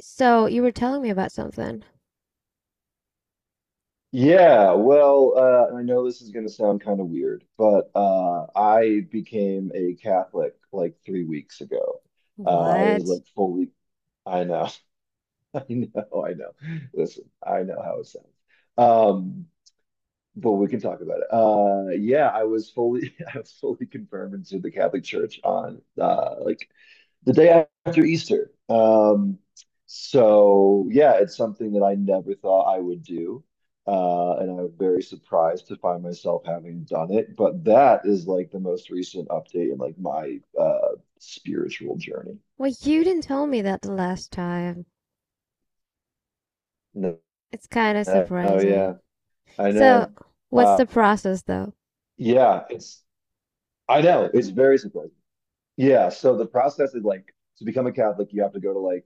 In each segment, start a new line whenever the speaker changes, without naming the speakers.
So you were telling me about something.
Yeah, well, I know this is going to sound kind of weird, but I became a Catholic like 3 weeks ago. I was
What?
like fully, I know, I know, I know. Listen, I know how it sounds. Um, but we can talk about it. Yeah, I was fully confirmed into the Catholic Church on like the day after Easter. So yeah, it's something that I never thought I would do. And I was very surprised to find myself having done it. But that is like the most recent update in like my spiritual journey.
Well, you didn't tell me that the last time.
No,
It's kind of
no, oh yeah,
surprising.
I
So,
know.
what's
Uh,
the process though?
yeah, it's I know it's very surprising. Yeah, so the process is like to become a Catholic, you have to go to like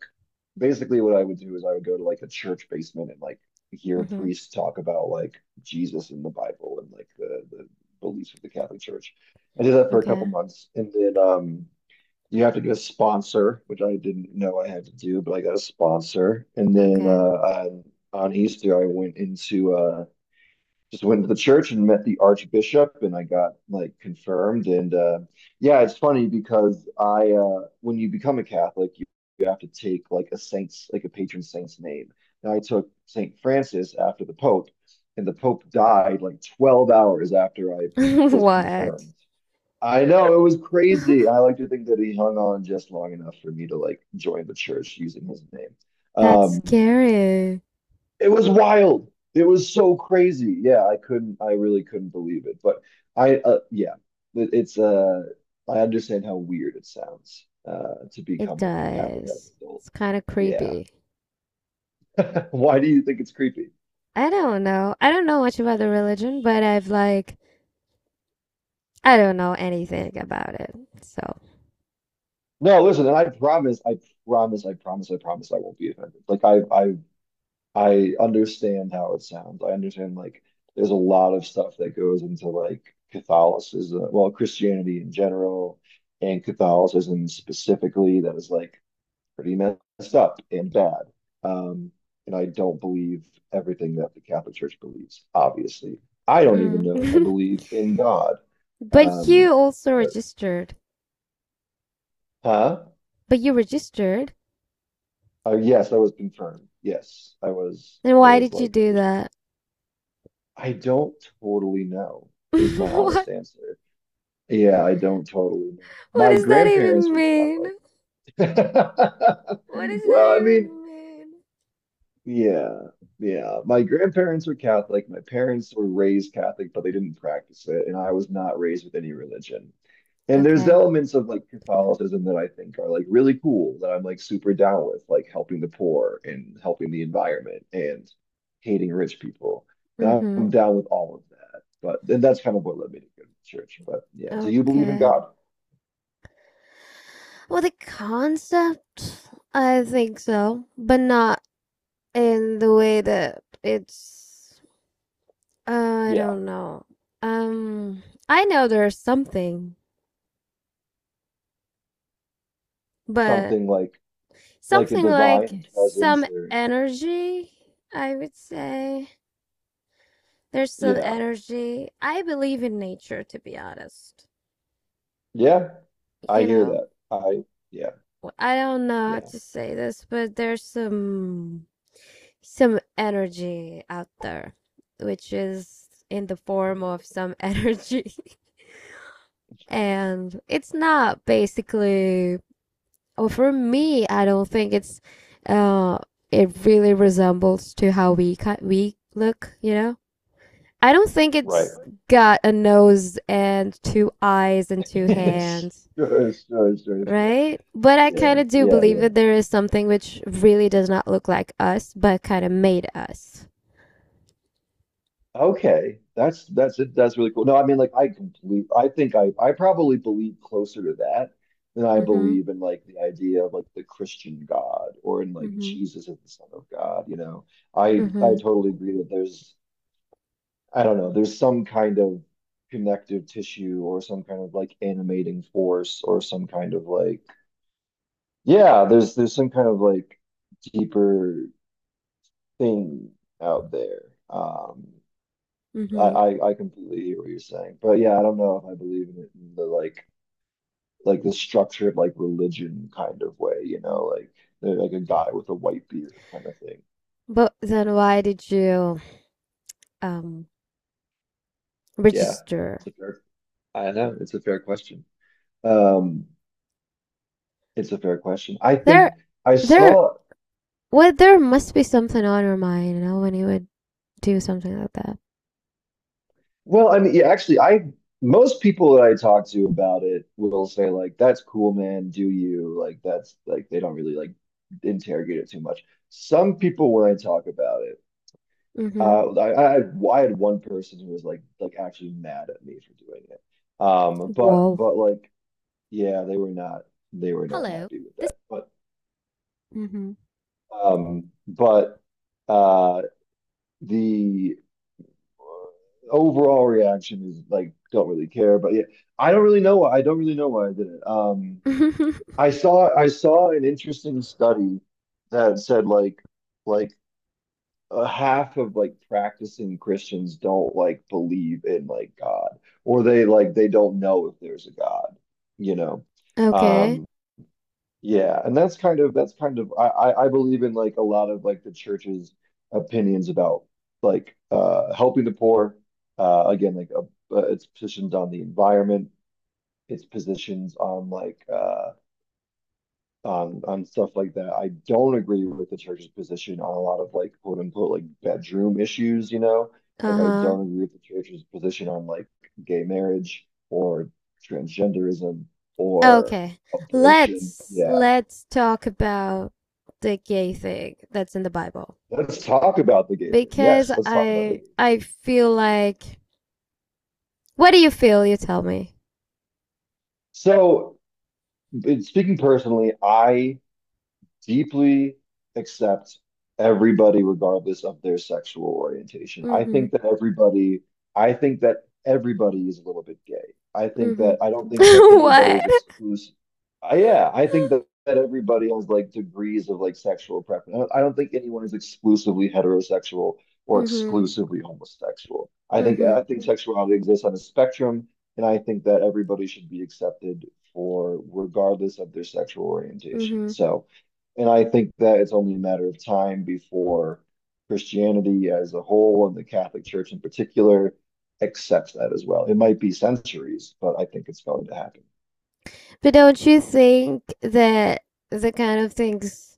basically what I would do is I would go to like a church basement and like hear
Mm-hmm.
priests talk about like Jesus and the Bible and like the beliefs of the Catholic Church. I did that for a couple
Okay.
months, and then you have to get a sponsor, which I didn't know I had to do, but I got a sponsor, and then
Okay.
on Easter I went into just went to the church and met the archbishop and I got like confirmed. And yeah, it's funny because I when you become a Catholic, you have to take like a saint's, like, a patron saint's name, and I took Saint Francis after the Pope. And the Pope died like 12 hours after I was
What?
confirmed. I know it was crazy. I like to think that he hung on just long enough for me to like join the church using his name.
That's
um
scary.
it was wild. It was so crazy. Yeah, I really couldn't believe it. But yeah, it, it's, uh, I understand how weird it sounds, to
It
become like a Catholic as an
does.
adult.
It's kind of
Yeah.
creepy.
Why do you think it's creepy?
I don't know. I don't know much about the religion, but I don't know anything about it. So,
No, listen, and I promise, I promise, I promise, I promise I won't be offended. Like I understand how it sounds. I understand like there's a lot of stuff that goes into like Catholicism, well, Christianity in general and Catholicism specifically that is like pretty messed up and bad. Um, and I don't believe everything that the Catholic Church believes, obviously. I don't even know if I
mm.
believe in God.
But
Um,
you also
but,
registered.
huh?
But you registered,
Yes, I was confirmed. Yes, I was.
then
I
why
was
did you
like
do
officially.
that?
I don't totally know. Is my honest
What
answer. Yeah, I don't totally know.
what
My
does that
grandparents
even
were
mean?
Catholic.
What does that
Well, I mean,
even mean?
yeah, yeah. My grandparents were Catholic. My parents were raised Catholic, but they didn't practice it, and I was not raised with any religion. And there's
Okay.
elements of like Catholicism that I think are like really cool that I'm like super down with, like helping the poor and helping the environment and hating rich people. And
Mm-hmm.
I'm down with all of that. But and that's kind of what led me to go to church. But yeah, do you believe in
Okay.
God?
Well, the concept, I think so, but not in the way that it's I
Yeah,
don't know. Um, I know there's something, but
something like a
something like
divine
some
presence, or
energy, I would say. There's some
yeah.
energy. I believe in nature, to be honest.
Yeah, I
you
hear
know,
that. I Yeah,
I I don't know how
yeah,
to say this, but there's some energy out there, which is in the form of some energy. And it's not. For me, I don't think it's uh it really resembles to how we look, you know? I don't think
right.
it's got a nose and two eyes and two hands.
Sure, sure, sure, sure.
Right? But I
Yeah,
kind of do
yeah,
believe
yeah.
that there is something which really does not look like us, but kind of made us.
Okay, that's it. That's really cool. No, I mean, like, I complete. I think I probably believe closer to that than I
Mm-hmm.
believe in like the idea of like the Christian God or in like
Mm-hmm.
Jesus as the Son of God. You know, I I
Mm-hmm.
totally agree that there's I don't know, there's some kind of connective tissue or some kind of like animating force or some kind of like yeah, there's some kind of like deeper thing out there. Um, I,
Mm-hmm.
I I completely hear what you're saying, but yeah, I don't know if I believe in it in the like the structured like religion kind of way, you know, like they're like a guy with a white beard kind of thing.
But then why did you um
Yeah,
register?
it's a fair. I know it's a fair question. Um, it's a fair question. I
There
think I
there
saw.
well, there must be something on your mind, you know, when you would do something like that.
Well, I mean, yeah, actually, I most people that I talk to about it will say, like, "That's cool, man. Do you like that's like they don't really like interrogate it too much." Some people, when I talk about it,
Mm-hmm.
I had one person who was like actually mad at me for doing it. But
Whoa.
but like yeah, they were not
Hello.
happy with
This.
that. But
Mm-hmm.
um, but uh, the overall reaction is like don't really care. But yeah, I don't really know why I did it. I saw an interesting study that said like like a half of like practicing Christians don't like believe in like god or they like they don't know if there's a God you know
Okay.
um yeah, and that's kind of I believe in like a lot of like the church's opinions about like helping the poor. Again, like its positions on the environment, its positions on like on stuff like that. I don't agree with the church's position on a lot of like quote unquote like bedroom issues, you know? Like I
Uh-huh.
don't agree with the church's position on like gay marriage or transgenderism or
Okay.
abortion.
Let's
Yeah.
let's talk about the gay thing that's in the Bible.
Let's talk about the gay thing.
Because
Yes, let's talk about the gay
I
thing.
I feel like what do you feel? You tell me.
So, speaking personally, I deeply accept everybody regardless of their sexual orientation.
Mm-hmm.
I think that everybody is a little bit gay.
Mm-hmm.
I don't think that anybody
What?
is exclusive. Yeah, I think that everybody has like degrees of like sexual preference. I don't think anyone is exclusively heterosexual or
Mm-hmm.
exclusively homosexual.
Mm-hmm.
I think sexuality exists on a spectrum, and I think that everybody should be accepted for regardless of their sexual orientation.
Mm-hmm.
So, and I think that it's only a matter of time before Christianity as a whole and the Catholic Church in particular accepts that as well. It might be centuries, but I think it's going to happen.
But don't you think that the kind of things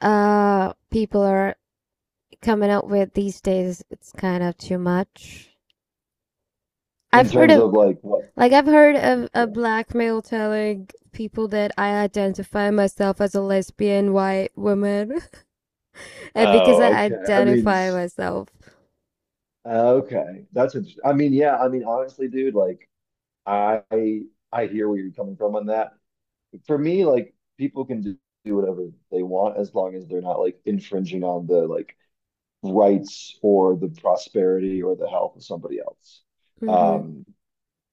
people are coming up with these days it's kind of too much?
In
I've heard
terms
of
of like what?
like I've heard of a
Yeah.
black male telling people that I identify myself as a lesbian white woman. Because I
Oh, okay. I mean,
identify myself.
okay. That's interesting. I mean, yeah, I mean, honestly, dude, like I I hear where you're coming from on that. For me, like people can do whatever they want as long as they're not like infringing on the like rights or the prosperity or the health of somebody else.
Mm-hmm.
Um,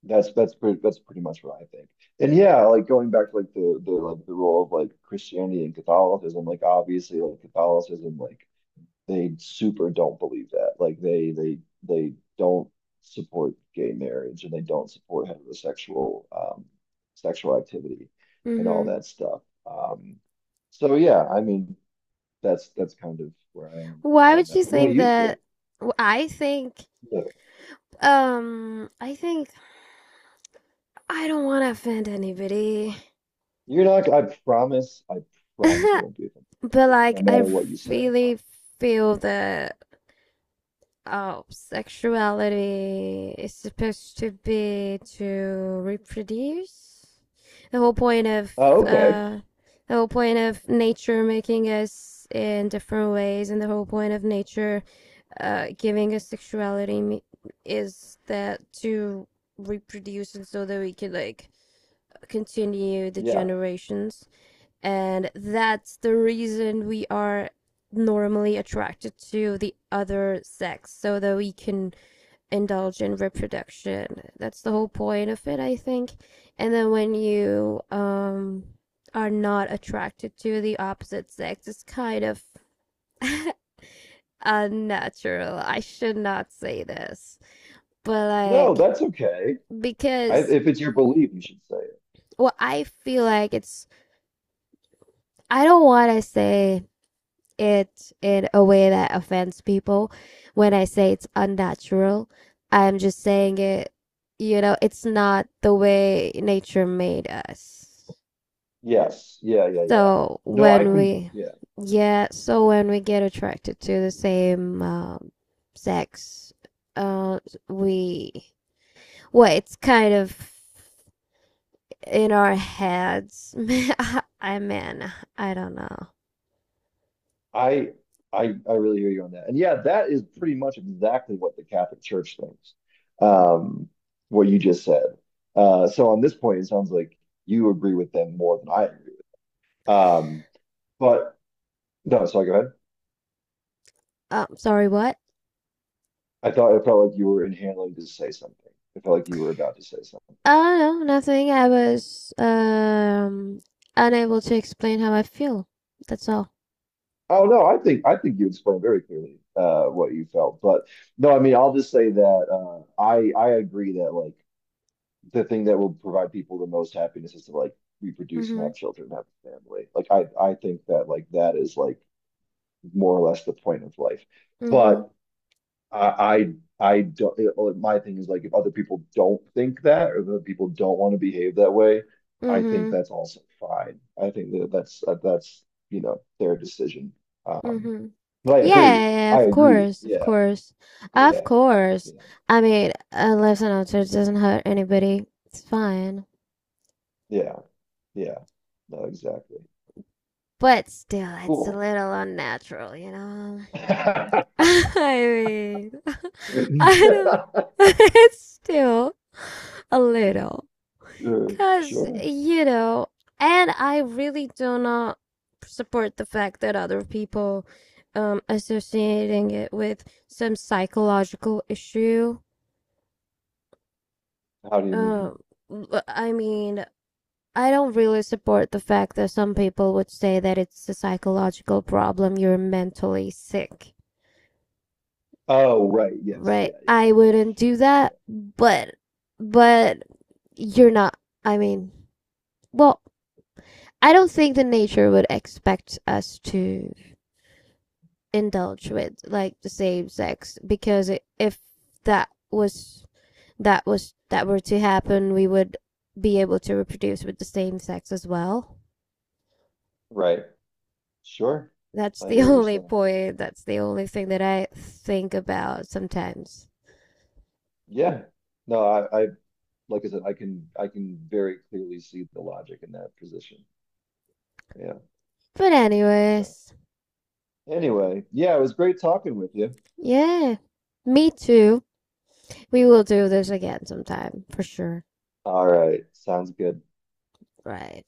that's pretty much what I think. And yeah, like going back to like the role of like Christianity and Catholicism, like obviously like Catholicism, like they super don't believe that. Like they don't support gay marriage and they don't support heterosexual sexual activity and all
Mm-hmm.
that stuff. Um so yeah, I mean that's kind of where I am
Why
on
would you
that. What do
think
you think?
that? I think,
Look,
I think I don't want to offend anybody.
you're not. I promise. I promise I won't be offended.
But
No
like, I
matter what you say, I promise.
really feel that sexuality is supposed to be to reproduce. The whole point of
Oh, okay.
uh, the whole point of nature making us in different ways, and the whole point of nature giving us is that to reproduce, and so that we can like continue the
Yeah.
generations, and that's the reason we are normally attracted to the other sex so that we can indulge in reproduction. That's the whole point of it, I think. And then when you are not attracted to the opposite sex, it's kind of unnatural. I should not say this, but
No,
like,
that's okay.
because,
If it's your belief, you should say it.
well, I feel like it's, I don't want to say it in a way that offends people. When I say it's unnatural, I'm just saying it, you know, it's not the way nature made us.
Yes. Yeah. Yeah. Yeah.
So
No, I
when
can.
we,
Yeah.
yeah, so when we get attracted to the same sex, uh, we, well, it's kind of in our heads. I mean, I don't know.
I. I really hear you on that. And yeah, that is pretty much exactly what the Catholic Church thinks. Um, what you just said. So on this point, it sounds like you agree with them more than I agree. Um, but no. Sorry. Go ahead.
Sorry, what?
I thought it felt like you were inhaling to say something. It felt like you were about to say something.
Oh, no, nothing. I was unable to explain how I feel. That's all.
Oh no, I think you explained very clearly what you felt. But no, I mean, I'll just say that I agree that like the thing that will provide people the most happiness is to like reproduce and
Mm-hmm.
have children, have a family. Like I think that like that is like more or less the point of life.
Mm-hmm.
But I don't. Like, my thing is like if other people don't think that, or if other people don't want to behave that way, I think
Mm-hmm.
that's also fine. I think that that's their decision. Um,
Mm-hmm.
but I agree.
Yeah, yeah,
I
of
agree.
course, of
Yeah.
course. Of
Yeah.
course.
Yeah.
I mean, a life's an altitude doesn't hurt anybody. It's fine.
Yeah. Yeah. No, exactly.
But still, it's a
Cool.
little unnatural, you know? I mean, I don't, it's still a little.
Sure.
Cause,
Sure.
you know, and I really do not support the fact that other people associating it with some psychological issue.
How do you
Um
mean?
I mean, I don't really support the fact that some people would say that it's a psychological problem, you're mentally sick.
Oh, right. Yes.
Right?
Yeah. Yeah.
I
Yeah.
wouldn't
Sure.
do
Yeah.
that, but you're not, I mean, well, I don't think the nature would expect us to indulge with like the same sex because if that was that were to happen we would be able to reproduce with the same sex as well.
Right. Sure.
That's
I
the
hear what you're
only
saying.
point, that's the only thing that I think about sometimes.
Yeah, no, like I said, I can very clearly see the logic in that position. Yeah.
But
So
anyways,
anyway, yeah, it was great talking with you.
yeah, me too, we will do this again sometime for sure.
All right, sounds good.
Right.